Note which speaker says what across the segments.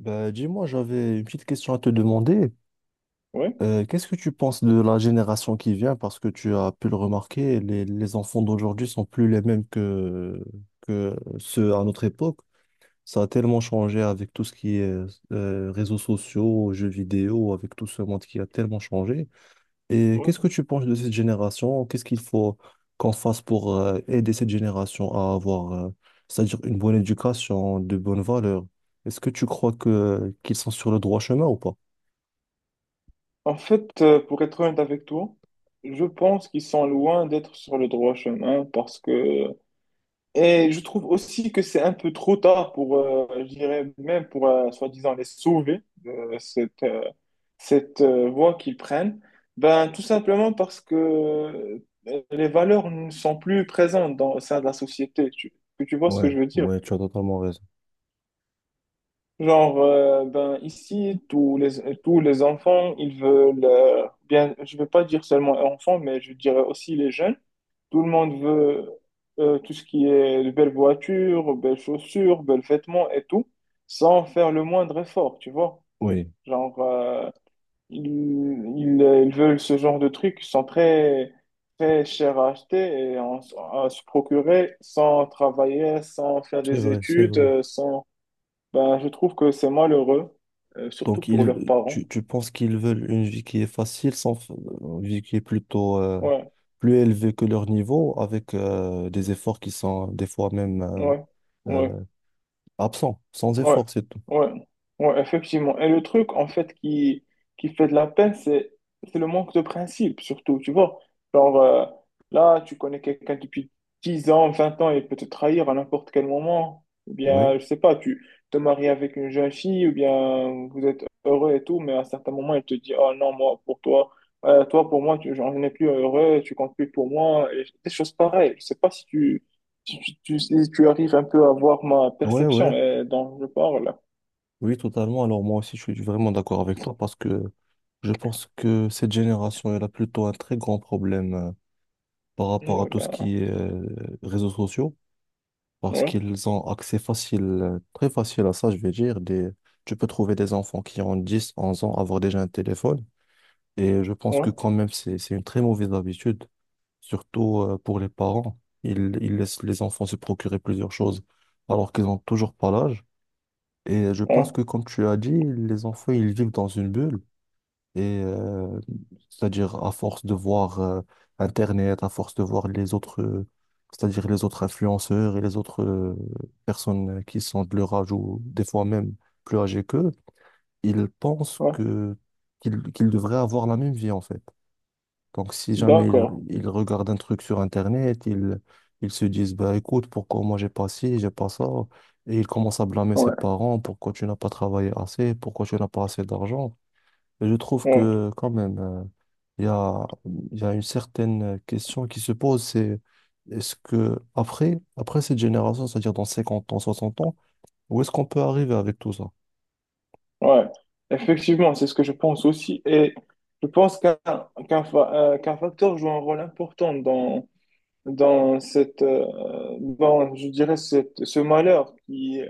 Speaker 1: Bah, dis-moi, j'avais une petite question à te demander.
Speaker 2: Ouais,
Speaker 1: Qu'est-ce que tu penses de la génération qui vient? Parce que tu as pu le remarquer, les enfants d'aujourd'hui sont plus les mêmes que ceux à notre époque. Ça a tellement changé avec tout ce qui est réseaux sociaux, jeux vidéo, avec tout ce monde qui a tellement changé. Et qu'est-ce que
Speaker 2: ouais.
Speaker 1: tu penses de cette génération? Qu'est-ce qu'il faut qu'on fasse pour aider cette génération à avoir, c'est-à-dire une bonne éducation, de bonnes valeurs? Est-ce que tu crois que qu'ils sont sur le droit chemin ou pas?
Speaker 2: En fait, pour être honnête avec toi, je pense qu'ils sont loin d'être sur le droit chemin parce que... Et je trouve aussi que c'est un peu trop tard pour, je dirais même pour, soi-disant, les sauver de cette voie qu'ils prennent. Ben, tout simplement parce que les valeurs ne sont plus présentes au sein de la société. Que tu vois ce
Speaker 1: Ouais,
Speaker 2: que je veux dire?
Speaker 1: ouais, tu as totalement raison.
Speaker 2: Genre, ben, ici, tous les enfants, ils veulent, bien, je veux pas dire seulement enfants, mais je dirais aussi les jeunes. Tout le monde veut tout ce qui est de belles voitures, belles chaussures, belles vêtements et tout, sans faire le moindre effort, tu vois.
Speaker 1: Oui,
Speaker 2: Genre, ils, ils veulent ce genre de trucs qui sont très, très chers à acheter à se procurer sans travailler, sans faire
Speaker 1: c'est
Speaker 2: des
Speaker 1: vrai, c'est
Speaker 2: études,
Speaker 1: vrai.
Speaker 2: sans, ben, je trouve que c'est malheureux, surtout
Speaker 1: Donc,
Speaker 2: pour leurs
Speaker 1: ils,
Speaker 2: parents.
Speaker 1: tu penses qu'ils veulent une vie qui est facile, sans, une vie qui est plutôt
Speaker 2: Ouais,
Speaker 1: plus élevée que leur niveau, avec des efforts qui sont des fois même
Speaker 2: ouais, ouais.
Speaker 1: euh, absents, sans
Speaker 2: Ouais,
Speaker 1: effort, c'est tout.
Speaker 2: ouais, ouais, effectivement. Et le truc, en fait, qui fait de la peine, c'est le manque de principe, surtout, tu vois. Genre, là, tu connais quelqu'un depuis 10 ans, 20 ans, il peut te trahir à n'importe quel moment. Ou
Speaker 1: Oui,
Speaker 2: bien, je sais pas, tu te maries avec une jeune fille, ou bien vous êtes heureux et tout, mais à un certain moment, il te dit, oh non, moi, pour toi, toi, pour moi, j'en ai plus heureux, tu comptes plus pour moi, et des choses pareilles. Je sais pas si tu arrives un peu à voir ma
Speaker 1: ouais,
Speaker 2: perception
Speaker 1: ouais,
Speaker 2: et dont je parle,
Speaker 1: oui, totalement. Alors, moi aussi, je suis vraiment d'accord avec toi parce que je pense que cette génération, elle a plutôt un très grand problème par rapport à
Speaker 2: ouais,
Speaker 1: tout ce
Speaker 2: ben,
Speaker 1: qui est réseaux sociaux. Parce
Speaker 2: ouais,
Speaker 1: qu'ils ont accès facile, très facile à ça, je vais dire. Des... Tu peux trouver des enfants qui ont 10, 11 ans, avoir déjà un téléphone. Et je pense
Speaker 2: ouais,
Speaker 1: que quand même, c'est une très mauvaise habitude, surtout pour les parents. Ils laissent les enfants se procurer plusieurs choses alors qu'ils n'ont toujours pas l'âge. Et je pense
Speaker 2: ouais,
Speaker 1: que, comme tu as dit, les enfants, ils vivent dans une bulle. Et c'est-à-dire à force de voir Internet, à force de voir les autres, c'est-à-dire les autres influenceurs et les autres personnes qui sont de leur âge ou des fois même plus âgées qu'eux, ils pensent
Speaker 2: ouais.
Speaker 1: que qu'ils qu'ils devraient avoir la même vie en fait. Donc si jamais ils,
Speaker 2: D'accord,
Speaker 1: ils regardent un truc sur Internet, ils se disent bah écoute, pourquoi moi j'ai pas ci, j'ai pas ça. Et ils commencent à blâmer ses
Speaker 2: ouais,
Speaker 1: parents, pourquoi tu n'as pas travaillé assez, pourquoi tu n'as pas assez d'argent. Et je trouve
Speaker 2: ouais,
Speaker 1: que quand même, il y a, il y a une certaine question qui se pose, c'est est-ce que après, après cette génération, c'est-à-dire dans 50 ans, 60 ans, où est-ce qu'on peut arriver avec tout ça?
Speaker 2: ouais. Effectivement, c'est ce que je pense aussi. Et je pense qu'un facteur joue un rôle important dans, dans cette, dans, je dirais, cette, ce malheur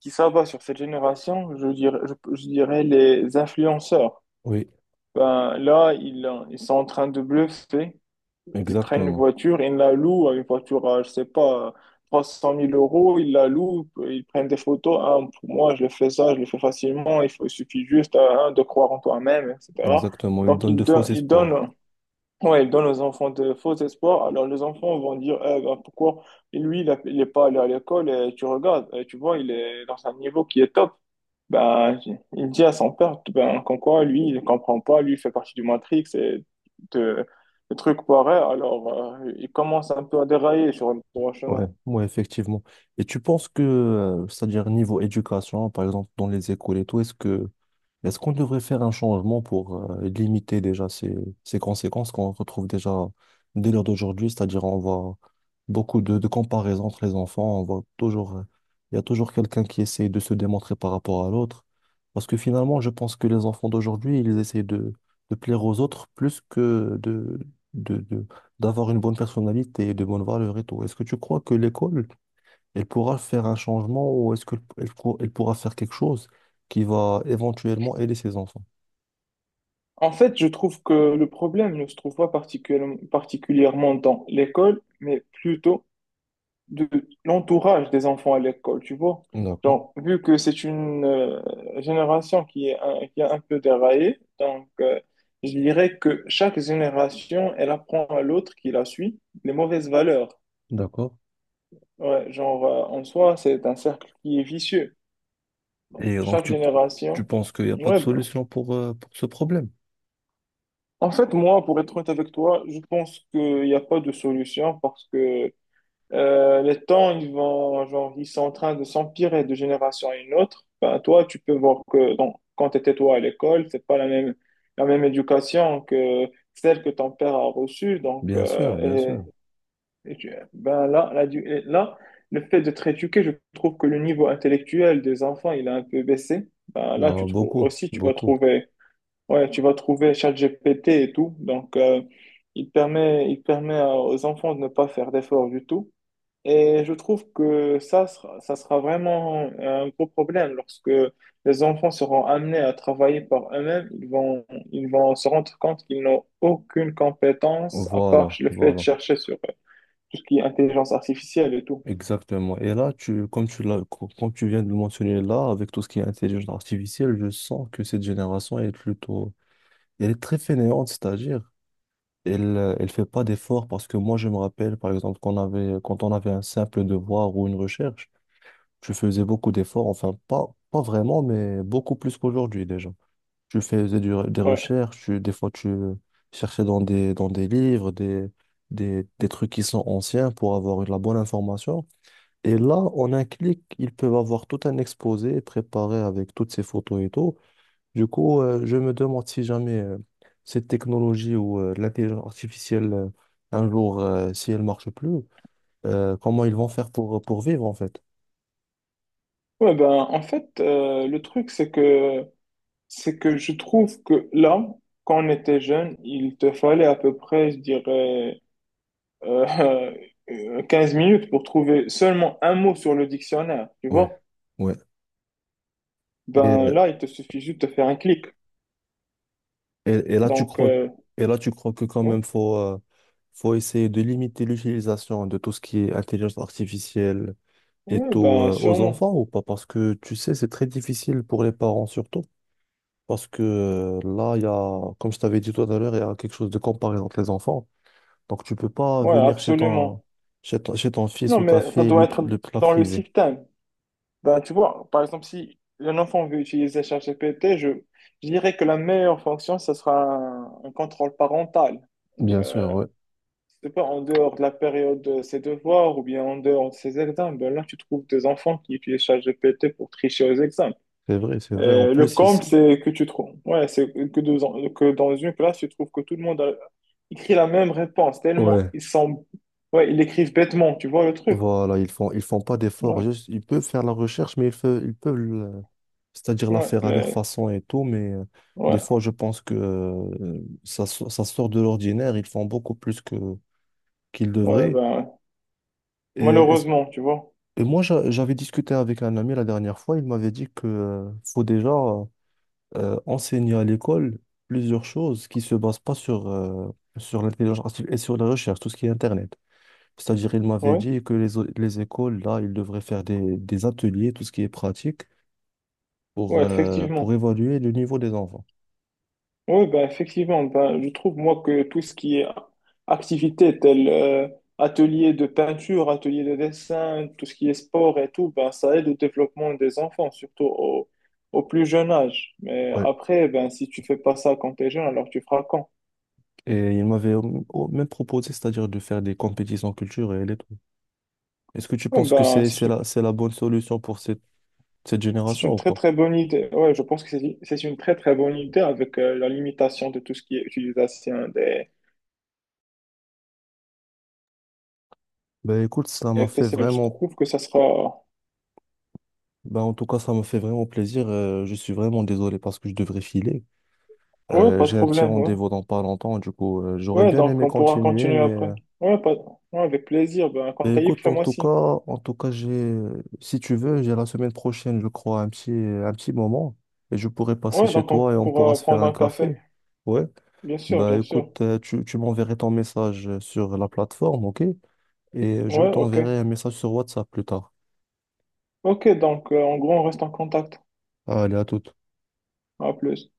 Speaker 2: qui s'abat sur cette génération, je dirais, je dirais les influenceurs.
Speaker 1: Oui,
Speaker 2: Ben, là, ils sont en train de bluffer. Ils prennent une
Speaker 1: exactement.
Speaker 2: voiture, ils la louent, une voiture à, je sais pas, 300 000 euros, ils la louent, ils prennent des photos. Ah, pour moi, je le fais ça, je le fais facilement, il faut, il suffit juste ah, hein, de croire en toi-même, etc.
Speaker 1: Exactement. Il
Speaker 2: Donc,
Speaker 1: donne de faux
Speaker 2: ils
Speaker 1: espoirs.
Speaker 2: donnent, ouais, ils donnent aux enfants de faux espoirs. Alors, les enfants vont dire, eh, ben, pourquoi lui, il n'est pas allé à l'école et tu regardes, et tu vois, il est dans un niveau qui est top. Ben, il dit à son père, ben, qu'en quoi, lui, il comprend pas, lui, il fait partie du Matrix et de, de trucs pareils, alors il commence un peu à dérailler sur le droit chemin.
Speaker 1: Ouais, ouais, effectivement. Et tu penses que, c'est-à-dire niveau éducation, par exemple dans les écoles et tout, est-ce que est-ce qu'on devrait faire un changement pour limiter déjà ces conséquences qu'on retrouve déjà dès l'heure d'aujourd'hui? C'est-à-dire, on voit beaucoup de comparaisons entre les enfants. On voit toujours, il y a toujours quelqu'un qui essaye de se démontrer par rapport à l'autre. Parce que finalement, je pense que les enfants d'aujourd'hui, ils essayent de plaire aux autres plus que de- d'avoir une bonne personnalité et de bonnes valeurs et tout. Est-ce que tu crois que l'école elle pourra faire un changement ou est-ce qu'elle elle pourra faire quelque chose qui va éventuellement aider ses enfants?
Speaker 2: En fait, je trouve que le problème ne se trouve pas particulièrement particulièrement dans l'école, mais plutôt de l'entourage des enfants à l'école, tu vois.
Speaker 1: D'accord,
Speaker 2: Donc, vu que c'est une génération qui est un peu déraillée, donc je dirais que chaque génération, elle apprend à l'autre qui la suit les mauvaises valeurs.
Speaker 1: d'accord.
Speaker 2: Ouais, genre, en soi, c'est un cercle qui est vicieux. Donc,
Speaker 1: Et donc,
Speaker 2: chaque
Speaker 1: tu
Speaker 2: génération.
Speaker 1: penses qu'il n'y a pas de
Speaker 2: Ouais, ben.
Speaker 1: solution pour ce problème?
Speaker 2: En fait, moi, pour être honnête avec toi, je pense qu'il n'y a pas de solution parce que les temps, genre, ils sont en train de s'empirer de génération à une autre. Ben, toi, tu peux voir que donc, quand tu étais toi à l'école, c'est pas la même éducation que celle que ton père a reçue. Donc,
Speaker 1: Bien sûr, bien sûr.
Speaker 2: et ben, là, et là, le fait de te rééduquer, je trouve que le niveau intellectuel des enfants, il a un peu baissé. Ben, là,
Speaker 1: Euh,
Speaker 2: tu trouves
Speaker 1: beaucoup,
Speaker 2: aussi,
Speaker 1: beaucoup.
Speaker 2: ouais, tu vas trouver ChatGPT et tout. Donc, il permet aux enfants de ne pas faire d'efforts du tout. Et je trouve que ça sera vraiment un gros problème lorsque les enfants seront amenés à travailler par eux-mêmes. Ils vont se rendre compte qu'ils n'ont aucune compétence à part
Speaker 1: Voilà,
Speaker 2: le fait de
Speaker 1: voilà.
Speaker 2: chercher sur tout ce qui est intelligence artificielle et tout.
Speaker 1: Exactement. Et là, tu, comme tu l'as, comme tu viens de le mentionner là, avec tout ce qui est intelligence artificielle, je sens que cette génération est plutôt, elle est très fainéante, c'est-à-dire, elle, elle fait pas d'efforts parce que moi, je me rappelle, par exemple, qu'on avait, quand on avait un simple devoir ou une recherche, tu faisais beaucoup d'efforts, enfin, pas, pas vraiment, mais beaucoup plus qu'aujourd'hui, déjà. Tu faisais des
Speaker 2: Ouais.
Speaker 1: recherches, des fois, tu cherchais dans des livres, des, des trucs qui sont anciens pour avoir la bonne information. Et là, en un clic, ils peuvent avoir tout un exposé préparé avec toutes ces photos et tout. Du coup, je me demande si jamais cette technologie ou l'intelligence artificielle, un jour, si elle marche plus, comment ils vont faire pour vivre en fait.
Speaker 2: Ouais, ben, en fait, le truc, c'est que je trouve que là, quand on était jeune, il te fallait à peu près, je dirais, euh, 15 minutes pour trouver seulement un mot sur le dictionnaire, tu
Speaker 1: Ouais,
Speaker 2: vois?
Speaker 1: ouais. Et,
Speaker 2: Ben
Speaker 1: euh,
Speaker 2: là, il te suffit juste de faire un clic.
Speaker 1: et,
Speaker 2: Donc,
Speaker 1: et là, tu crois que quand même, faut, faut essayer de limiter l'utilisation de tout ce qui est intelligence artificielle, et
Speaker 2: oui,
Speaker 1: tôt
Speaker 2: ben
Speaker 1: aux
Speaker 2: sûrement.
Speaker 1: enfants ou pas? Parce que tu sais, c'est très difficile pour les parents surtout. Parce que là, il y a, comme je t'avais dit tout à l'heure, il y a quelque chose de comparé entre les enfants. Donc, tu peux pas
Speaker 2: Ouais,
Speaker 1: venir chez ton,
Speaker 2: absolument.
Speaker 1: chez ton fils
Speaker 2: Non,
Speaker 1: ou ta
Speaker 2: mais
Speaker 1: fille
Speaker 2: ça
Speaker 1: et
Speaker 2: doit
Speaker 1: lui,
Speaker 2: être
Speaker 1: le plat
Speaker 2: dans le
Speaker 1: privé.
Speaker 2: système. Ben, tu vois, par exemple, si un enfant veut utiliser ChatGPT, je dirais que la meilleure fonction, ce sera un contrôle parental. Donc,
Speaker 1: Bien sûr, ouais.
Speaker 2: je pas, en dehors de la période de ses devoirs ou bien en dehors de ses examens, ben là, tu trouves des enfants qui utilisent ChatGPT pour tricher aux examens.
Speaker 1: C'est vrai, c'est vrai. En
Speaker 2: Le
Speaker 1: plus,
Speaker 2: comble,
Speaker 1: ici,
Speaker 2: c'est que tu trouves. Ouais, c'est que dans une classe, tu trouves que tout le monde écrit la même réponse, tellement
Speaker 1: ouais.
Speaker 2: ils sont. Ouais, ils l'écrivent bêtement, tu vois le truc.
Speaker 1: Voilà, ils font pas d'efforts.
Speaker 2: Ouais,
Speaker 1: Juste, ils peuvent faire la recherche, mais ils, ils peuvent, c'est-à-dire la
Speaker 2: ouais,
Speaker 1: faire à leur
Speaker 2: mais.
Speaker 1: façon et tout. Mais des
Speaker 2: Ouais,
Speaker 1: fois, je pense que ça, ça sort de l'ordinaire. Ils font beaucoup plus que qu'il
Speaker 2: ouais,
Speaker 1: devrait.
Speaker 2: ben,
Speaker 1: Et,
Speaker 2: malheureusement, tu vois.
Speaker 1: et moi, j'avais discuté avec un ami la dernière fois, il m'avait dit que faut déjà enseigner à l'école plusieurs choses qui se basent pas sur, sur l'intelligence artificielle et sur la recherche, tout ce qui est Internet. C'est-à-dire, il m'avait
Speaker 2: Ouais,
Speaker 1: dit que les, les écoles, là, ils devraient faire des ateliers, tout ce qui est pratique,
Speaker 2: ouais,
Speaker 1: pour
Speaker 2: effectivement.
Speaker 1: évaluer le niveau des enfants.
Speaker 2: Oui, ben effectivement, ben, je trouve moi que tout ce qui est activité telle atelier de peinture, atelier de dessin, tout ce qui est sport et tout, ben, ça aide au développement des enfants, surtout au plus jeune âge. Mais
Speaker 1: Ouais.
Speaker 2: après, ben, si tu fais pas ça quand tu es jeune, alors tu feras quand?
Speaker 1: Et il m'avait même proposé, c'est-à-dire de faire des compétitions culturelles et tout. Est-ce que tu
Speaker 2: Oui,
Speaker 1: penses que
Speaker 2: ben,
Speaker 1: c'est la bonne solution pour cette, cette
Speaker 2: c'est
Speaker 1: génération
Speaker 2: une
Speaker 1: ou
Speaker 2: très
Speaker 1: pas?
Speaker 2: très bonne idée. Ouais, je pense que c'est une très très bonne idée avec la limitation de tout ce qui est utilisation
Speaker 1: Ben écoute, ça m'a
Speaker 2: des
Speaker 1: fait
Speaker 2: PC. Je
Speaker 1: vraiment,
Speaker 2: trouve que ça sera...
Speaker 1: ben en tout cas, ça m'a fait vraiment plaisir. Je suis vraiment désolé parce que je devrais filer.
Speaker 2: Oui,
Speaker 1: Euh,
Speaker 2: pas de
Speaker 1: j'ai un petit
Speaker 2: problème, ouais.
Speaker 1: rendez-vous dans pas longtemps, du coup, j'aurais
Speaker 2: Ouais,
Speaker 1: bien
Speaker 2: donc
Speaker 1: aimé
Speaker 2: on pourra
Speaker 1: continuer,
Speaker 2: continuer
Speaker 1: mais
Speaker 2: après. Ouais, pas... Ouais, avec plaisir. Ben, quand
Speaker 1: ben
Speaker 2: t'as libre,
Speaker 1: écoute, en
Speaker 2: fais-moi
Speaker 1: tout cas,
Speaker 2: signe.
Speaker 1: en tout cas, j'ai, si tu veux, j'ai la semaine prochaine, je crois, un petit moment et je pourrais passer
Speaker 2: Ouais,
Speaker 1: chez
Speaker 2: donc on
Speaker 1: toi et on pourra
Speaker 2: pourra
Speaker 1: se faire
Speaker 2: prendre
Speaker 1: un
Speaker 2: un café.
Speaker 1: café. Ouais.
Speaker 2: Bien sûr,
Speaker 1: Ben
Speaker 2: bien sûr.
Speaker 1: écoute, tu, tu m'enverrais ton message sur la plateforme, ok? Et je
Speaker 2: Ouais, ok.
Speaker 1: t'enverrai un message sur WhatsApp plus tard.
Speaker 2: Ok, donc en gros, on reste en contact.
Speaker 1: Allez, à toute.
Speaker 2: À plus.